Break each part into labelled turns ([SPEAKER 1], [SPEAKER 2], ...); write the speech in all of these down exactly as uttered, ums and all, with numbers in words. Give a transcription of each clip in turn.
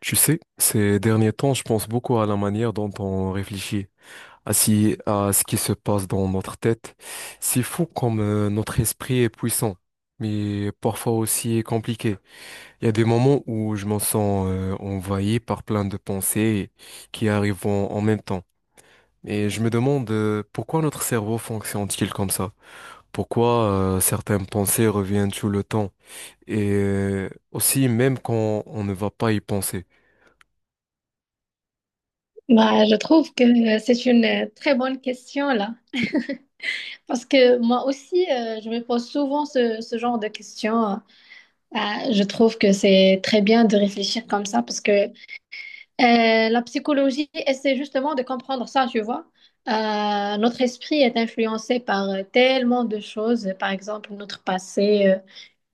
[SPEAKER 1] Tu sais, ces derniers temps, je pense beaucoup à la manière dont on réfléchit, à, si- à ce qui se passe dans notre tête. C'est fou comme euh, notre esprit est puissant, mais parfois aussi compliqué. Il y a des moments où je me sens euh, envahi par plein de pensées qui arrivent en, en même temps. Et je me demande euh, pourquoi notre cerveau fonctionne-t-il comme ça? Pourquoi euh, certaines pensées reviennent tout le temps? Et euh, aussi même quand on ne va pas y penser.
[SPEAKER 2] Bah, je trouve que euh, c'est une euh, très bonne question là, parce que moi aussi, euh, je me pose souvent ce, ce genre de questions. Euh, euh, je trouve que c'est très bien de réfléchir comme ça, parce que euh, la psychologie essaie justement de comprendre ça, tu vois. Euh, notre esprit est influencé par euh, tellement de choses, par exemple notre passé, euh,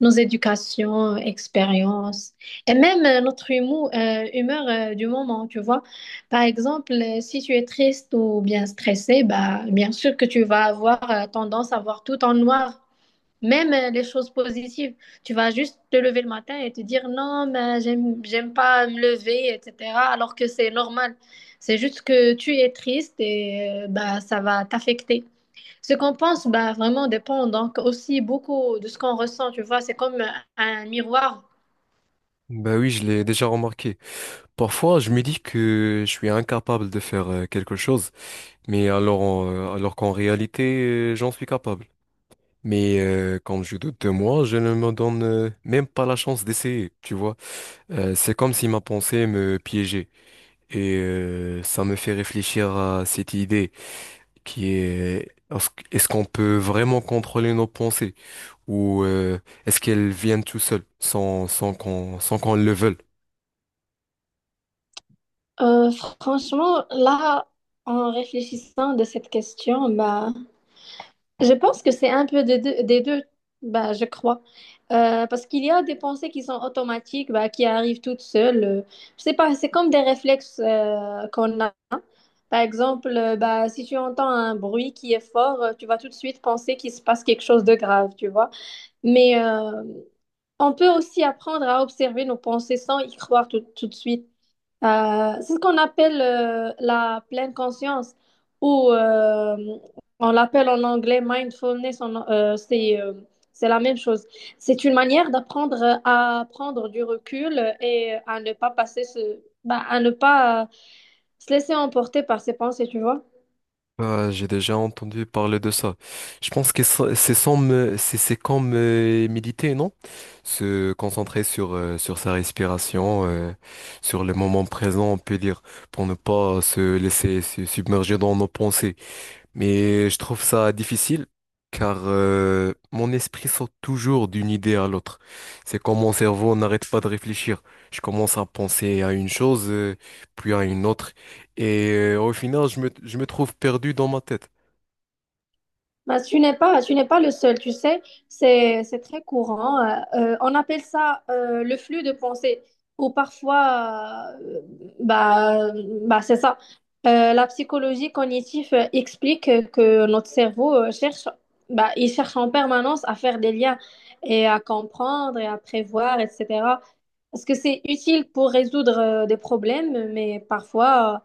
[SPEAKER 2] nos éducations, expériences, et même euh, notre humour, euh, humeur euh, du moment, tu vois. Par exemple, euh, si tu es triste ou bien stressé, bah, bien sûr que tu vas avoir euh, tendance à voir tout en noir. Même euh, les choses positives, tu vas juste te lever le matin et te dire non, mais j'aime, j'aime pas me lever, et cetera. Alors que c'est normal. C'est juste que tu es triste et euh, bah, ça va t'affecter. Ce qu'on pense, bah, vraiment dépend donc aussi beaucoup de ce qu'on ressent, tu vois. C'est comme un miroir.
[SPEAKER 1] Ben oui, je l'ai déjà remarqué. Parfois, je me dis que je suis incapable de faire euh, quelque chose, mais alors, en- euh, alors qu'en réalité, euh, j'en suis capable. Mais euh, quand je doute de moi, je ne me donne euh, même pas la chance d'essayer, tu vois. Euh, c'est comme si ma pensée me piégeait. Et euh, ça me fait réfléchir à cette idée qui est, euh, est-ce est-ce qu'on peut vraiment contrôler nos pensées? Ou euh, est-ce qu'elles viennent tout seules, sans, sans qu'on, sans qu'on le veuille?
[SPEAKER 2] Euh, Franchement, là, en réfléchissant de cette question, bah, je pense que c'est un peu des deux, des deux, bah, je crois. Euh, parce qu'il y a des pensées qui sont automatiques, bah, qui arrivent toutes seules. Euh, je sais pas, c'est comme des réflexes euh, qu'on a. Par exemple, euh, bah, si tu entends un bruit qui est fort, euh, tu vas tout de suite penser qu'il se passe quelque chose de grave, tu vois. Mais euh, on peut aussi apprendre à observer nos pensées sans y croire tout, tout de suite. Euh, c'est ce qu'on appelle euh, la pleine conscience ou euh, on l'appelle en anglais mindfulness, en- euh, c'est euh, c'est la même chose. C'est une manière d'apprendre à prendre du recul et à ne pas passer ce, bah, à ne pas se laisser emporter par ses pensées, tu vois.
[SPEAKER 1] Ah, j'ai déjà entendu parler de ça. Je pense que ça- c'est sans me- c'est c'est comme euh, méditer, non? Se concentrer sur euh, sur sa respiration, euh, sur le moment présent, on peut dire, pour ne pas se laisser se submerger dans nos pensées. Mais je trouve ça difficile car euh, mon esprit saute toujours d'une idée à l'autre. C'est comme mon cerveau n'arrête pas de réfléchir. Je commence à penser à une chose, euh, puis à une autre. Et euh, au final, je me, je me trouve perdu dans ma tête.
[SPEAKER 2] Bah, tu n'es pas, tu n'es pas le seul, tu sais, c'est, c'est très courant. Euh, euh, on appelle ça euh, le flux de pensée, ou parfois, euh, bah, bah, c'est ça. Euh, la psychologie cognitive euh, explique que notre cerveau euh, cherche, bah, il cherche en permanence à faire des liens et à comprendre et à prévoir, et cetera. Parce que c'est utile pour résoudre euh, des problèmes, mais parfois,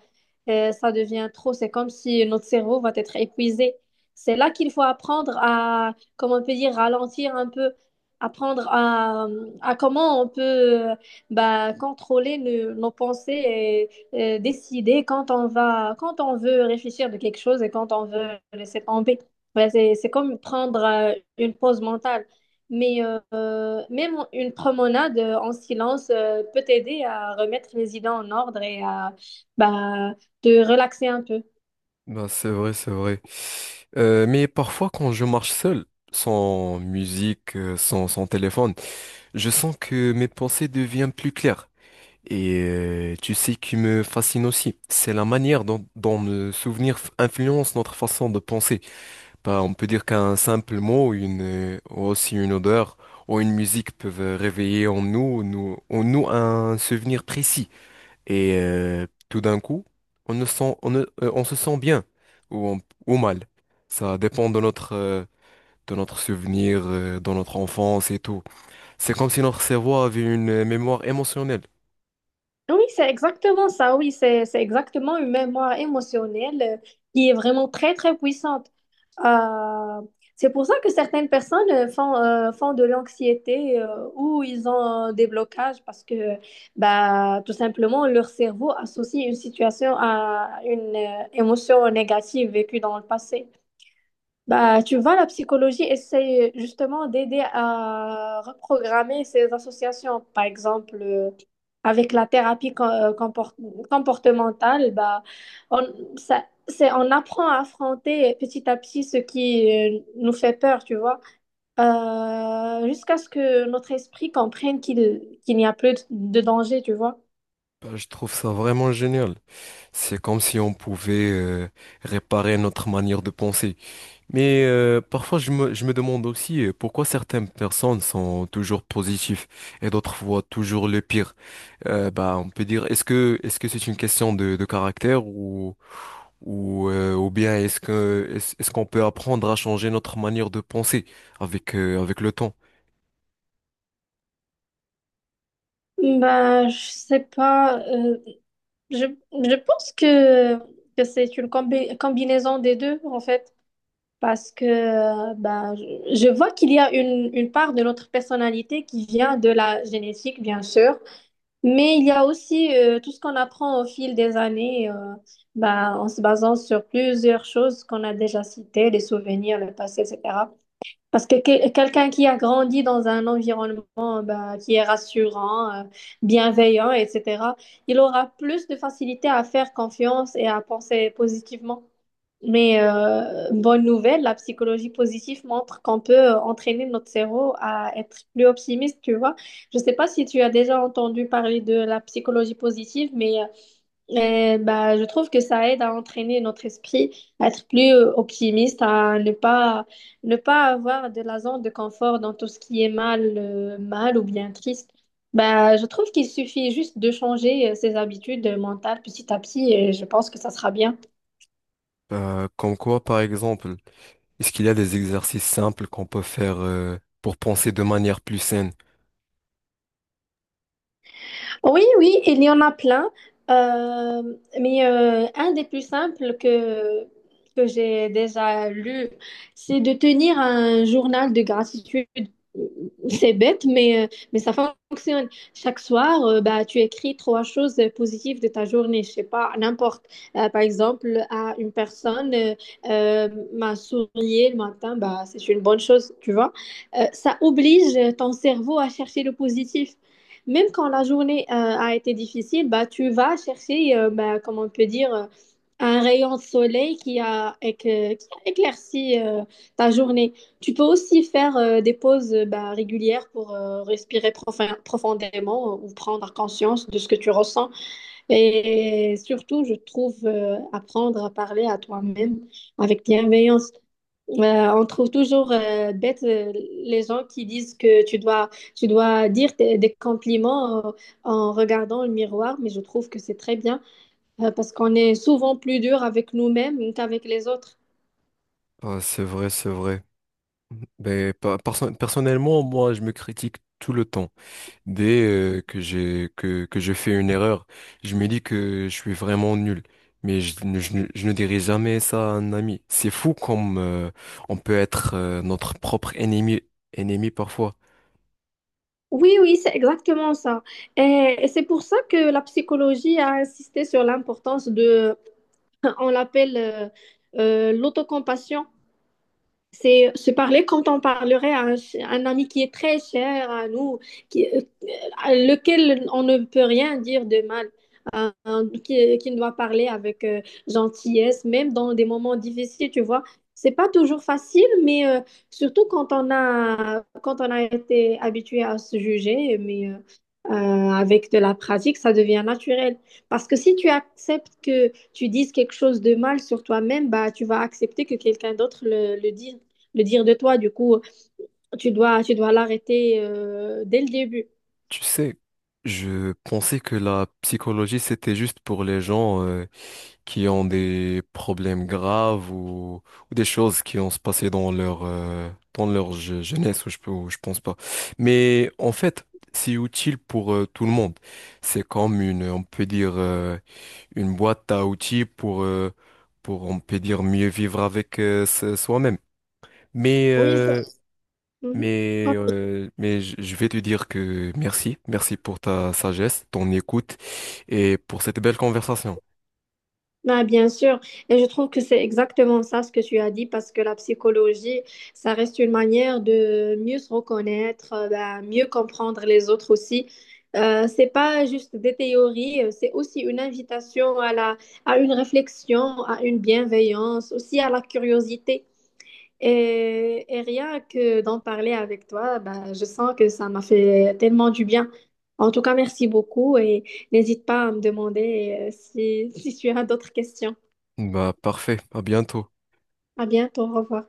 [SPEAKER 2] euh, ça devient trop. C'est comme si notre cerveau va être épuisé. C'est là qu'il faut apprendre à, comment on peut dire, ralentir un peu, apprendre à, à comment on peut euh, bah, contrôler nos, nos pensées et euh, décider quand on va, quand on veut réfléchir de quelque chose et quand on veut laisser tomber. Ouais, c'est, c'est comme prendre euh, une pause mentale. Mais euh, même une promenade euh, en silence euh, peut t'aider à remettre les idées en ordre et à bah, te relaxer un peu.
[SPEAKER 1] Ben, c'est vrai, c'est vrai. Euh, mais parfois, quand je marche seul, sans musique, euh, sans, sans téléphone, je sens que mes pensées deviennent plus claires. Et euh, tu sais qui me fascine aussi, c'est la manière dont, dont le souvenir f- influence notre façon de penser. Bah, on peut dire qu'un simple mot, une, euh, ou aussi une odeur ou une musique peuvent réveiller en nous, nous, en nous un souvenir précis. Et euh, tout d'un coup, on ne sent, on, ne- euh, on se sent bien ou, on- ou mal. Ça dépend de notre, euh, de notre souvenir, euh, de notre enfance et tout. C'est comme si notre cerveau avait une euh, mémoire émotionnelle.
[SPEAKER 2] Oui, c'est exactement ça. Oui, c'est, c'est exactement une mémoire émotionnelle euh, qui est vraiment très, très puissante. Euh, c'est pour ça que certaines personnes euh, font, euh, font de l'anxiété euh, ou ils ont euh, des blocages parce que bah, tout simplement leur cerveau associe une situation à une euh, émotion négative vécue dans le passé. Bah, tu vois, la psychologie essaye justement d'aider à reprogrammer ces associations. Par exemple, euh, avec la thérapie com- euh, comport- comportementale, bah, on, ça, c'est, on apprend à affronter petit à petit ce qui euh, nous fait peur, tu vois. Euh, jusqu'à ce que notre esprit comprenne qu'il qu'il n'y a plus de de danger, tu vois.
[SPEAKER 1] Bah, je trouve ça vraiment génial. C'est comme si on pouvait euh, réparer notre manière de penser. Mais euh, parfois, je me, je me demande aussi euh, pourquoi certaines personnes sont toujours positives et d'autres voient toujours le pire. Euh, bah, on peut dire, est-ce que est-ce que c'est une question de, de caractère ou ou euh, ou bien est-ce que est-ce, est-ce qu'on peut apprendre à changer notre manière de penser avec euh, avec le temps?
[SPEAKER 2] Ben, je sais pas. euh, je, je pense que, que c'est une combi- combinaison des deux, en fait. Parce que euh, ben, je je vois qu'il y a une, une part de notre personnalité qui vient de la génétique, bien sûr, mais il y a aussi euh, tout ce qu'on apprend au fil des années, euh, ben, en se basant sur plusieurs choses qu'on a déjà citées, les souvenirs, le passé, et cetera. Parce que que- quelqu'un qui a grandi dans un environnement ben, qui est rassurant, euh, bienveillant, et cetera, il aura plus de facilité à faire confiance et à penser positivement. Mais euh, bonne nouvelle, la psychologie positive montre qu'on peut euh, entraîner notre cerveau à être plus optimiste, tu vois. Je ne sais pas si tu as déjà entendu parler de la psychologie positive, mais euh, euh, bah, je trouve que ça aide à entraîner notre esprit à être plus euh, optimiste, à ne pas, ne pas avoir de la zone de confort dans tout ce qui est mal, euh, mal ou bien triste. Bah, je trouve qu'il suffit juste de changer euh, ses habitudes euh, mentales petit à petit et je pense que ça sera bien.
[SPEAKER 1] Euh, comme quoi, par exemple. Est-ce qu'il y a des exercices simples qu'on peut faire euh, pour penser de manière plus saine?
[SPEAKER 2] Oui, oui, il y en a plein. Euh, mais euh, un des plus simples que, que j'ai déjà lu, c'est de tenir un journal de gratitude. C'est bête, mais, euh, mais ça fonctionne. Chaque soir, euh, bah, tu écris trois choses positives de ta journée, je sais pas, n'importe. Euh, par exemple, à une personne euh, euh, m'a sourié le matin, bah, c'est une bonne chose, tu vois. Euh, ça oblige ton cerveau à chercher le positif. Même quand la journée euh, a été difficile, bah, tu vas chercher, euh, bah, comment on peut dire, euh, un rayon de soleil qui a, éc- qui a éclairci euh, ta journée. Tu peux aussi faire euh, des pauses euh, bah, régulières pour euh, respirer profin- profondément euh, ou prendre conscience de ce que tu ressens. Et surtout, je trouve euh, apprendre à parler à toi-même avec bienveillance. Euh, on trouve toujours euh, bête euh, les gens qui disent que tu dois, tu dois dire des, des compliments euh, en regardant le miroir, mais je trouve que c'est très bien euh, parce qu'on est souvent plus dur avec nous-mêmes qu'avec les autres.
[SPEAKER 1] Ah, c'est vrai, c'est vrai. Mais pa- perso- personnellement, moi, je me critique tout le temps. Dès euh, que j'ai que, que je fais une erreur, je me dis que je suis vraiment nul. Mais je, ne je ne je ne dirai jamais ça à un ami. C'est fou comme euh, on peut être euh, notre propre ennemi, ennemi parfois.
[SPEAKER 2] Oui, oui, c'est exactement ça. Et, et c'est pour ça que la psychologie a insisté sur l'importance de, on l'appelle euh, euh, l'autocompassion. C'est se parler quand on parlerait à un, un ami qui est très cher à nous, qui, euh, à lequel on ne peut rien dire de mal, euh, qui, qui doit parler avec euh, gentillesse, même dans des moments difficiles, tu vois. C'est pas toujours facile, mais euh, surtout quand on a, quand on a été habitué à se juger, mais euh, euh, avec de la pratique, ça devient naturel. Parce que si tu acceptes que tu dises quelque chose de mal sur toi-même, bah, tu vas accepter que quelqu'un d'autre le, le dise le dire de toi. Du coup, tu dois, tu dois l'arrêter euh, dès le début.
[SPEAKER 1] Tu sais, je pensais que la psychologie, c'était juste pour les gens. Euh, qui ont des problèmes graves ou, ou des choses qui ont se passé dans leur, euh, dans leur je- jeunesse, ou je, peux- ou je pense pas. Mais en fait, c'est utile pour euh, tout le monde. C'est comme une, on peut dire, euh, une boîte à outils pour, euh, pour, on peut dire, mieux vivre avec euh, se- soi-même. Mais,
[SPEAKER 2] Oui, ça.
[SPEAKER 1] euh,
[SPEAKER 2] Mhm.
[SPEAKER 1] mais, euh, mais je je vais te dire que merci, merci pour ta sagesse, ton écoute et pour cette belle conversation.
[SPEAKER 2] Ah, bien sûr, et je trouve que c'est exactement ça ce que tu as dit parce que la psychologie, ça reste une manière de mieux se reconnaître, euh, ben, mieux comprendre les autres aussi. Euh, c'est pas juste des théories, euh, c'est aussi une invitation à la, à une réflexion, à une bienveillance, aussi à la curiosité. Et, et rien que d'en parler avec toi, bah, je sens que ça m'a fait tellement du bien. En tout cas, merci beaucoup et n'hésite pas à me demander euh, si, si tu as d'autres questions.
[SPEAKER 1] Bah, parfait, à bientôt.
[SPEAKER 2] À bientôt, au revoir.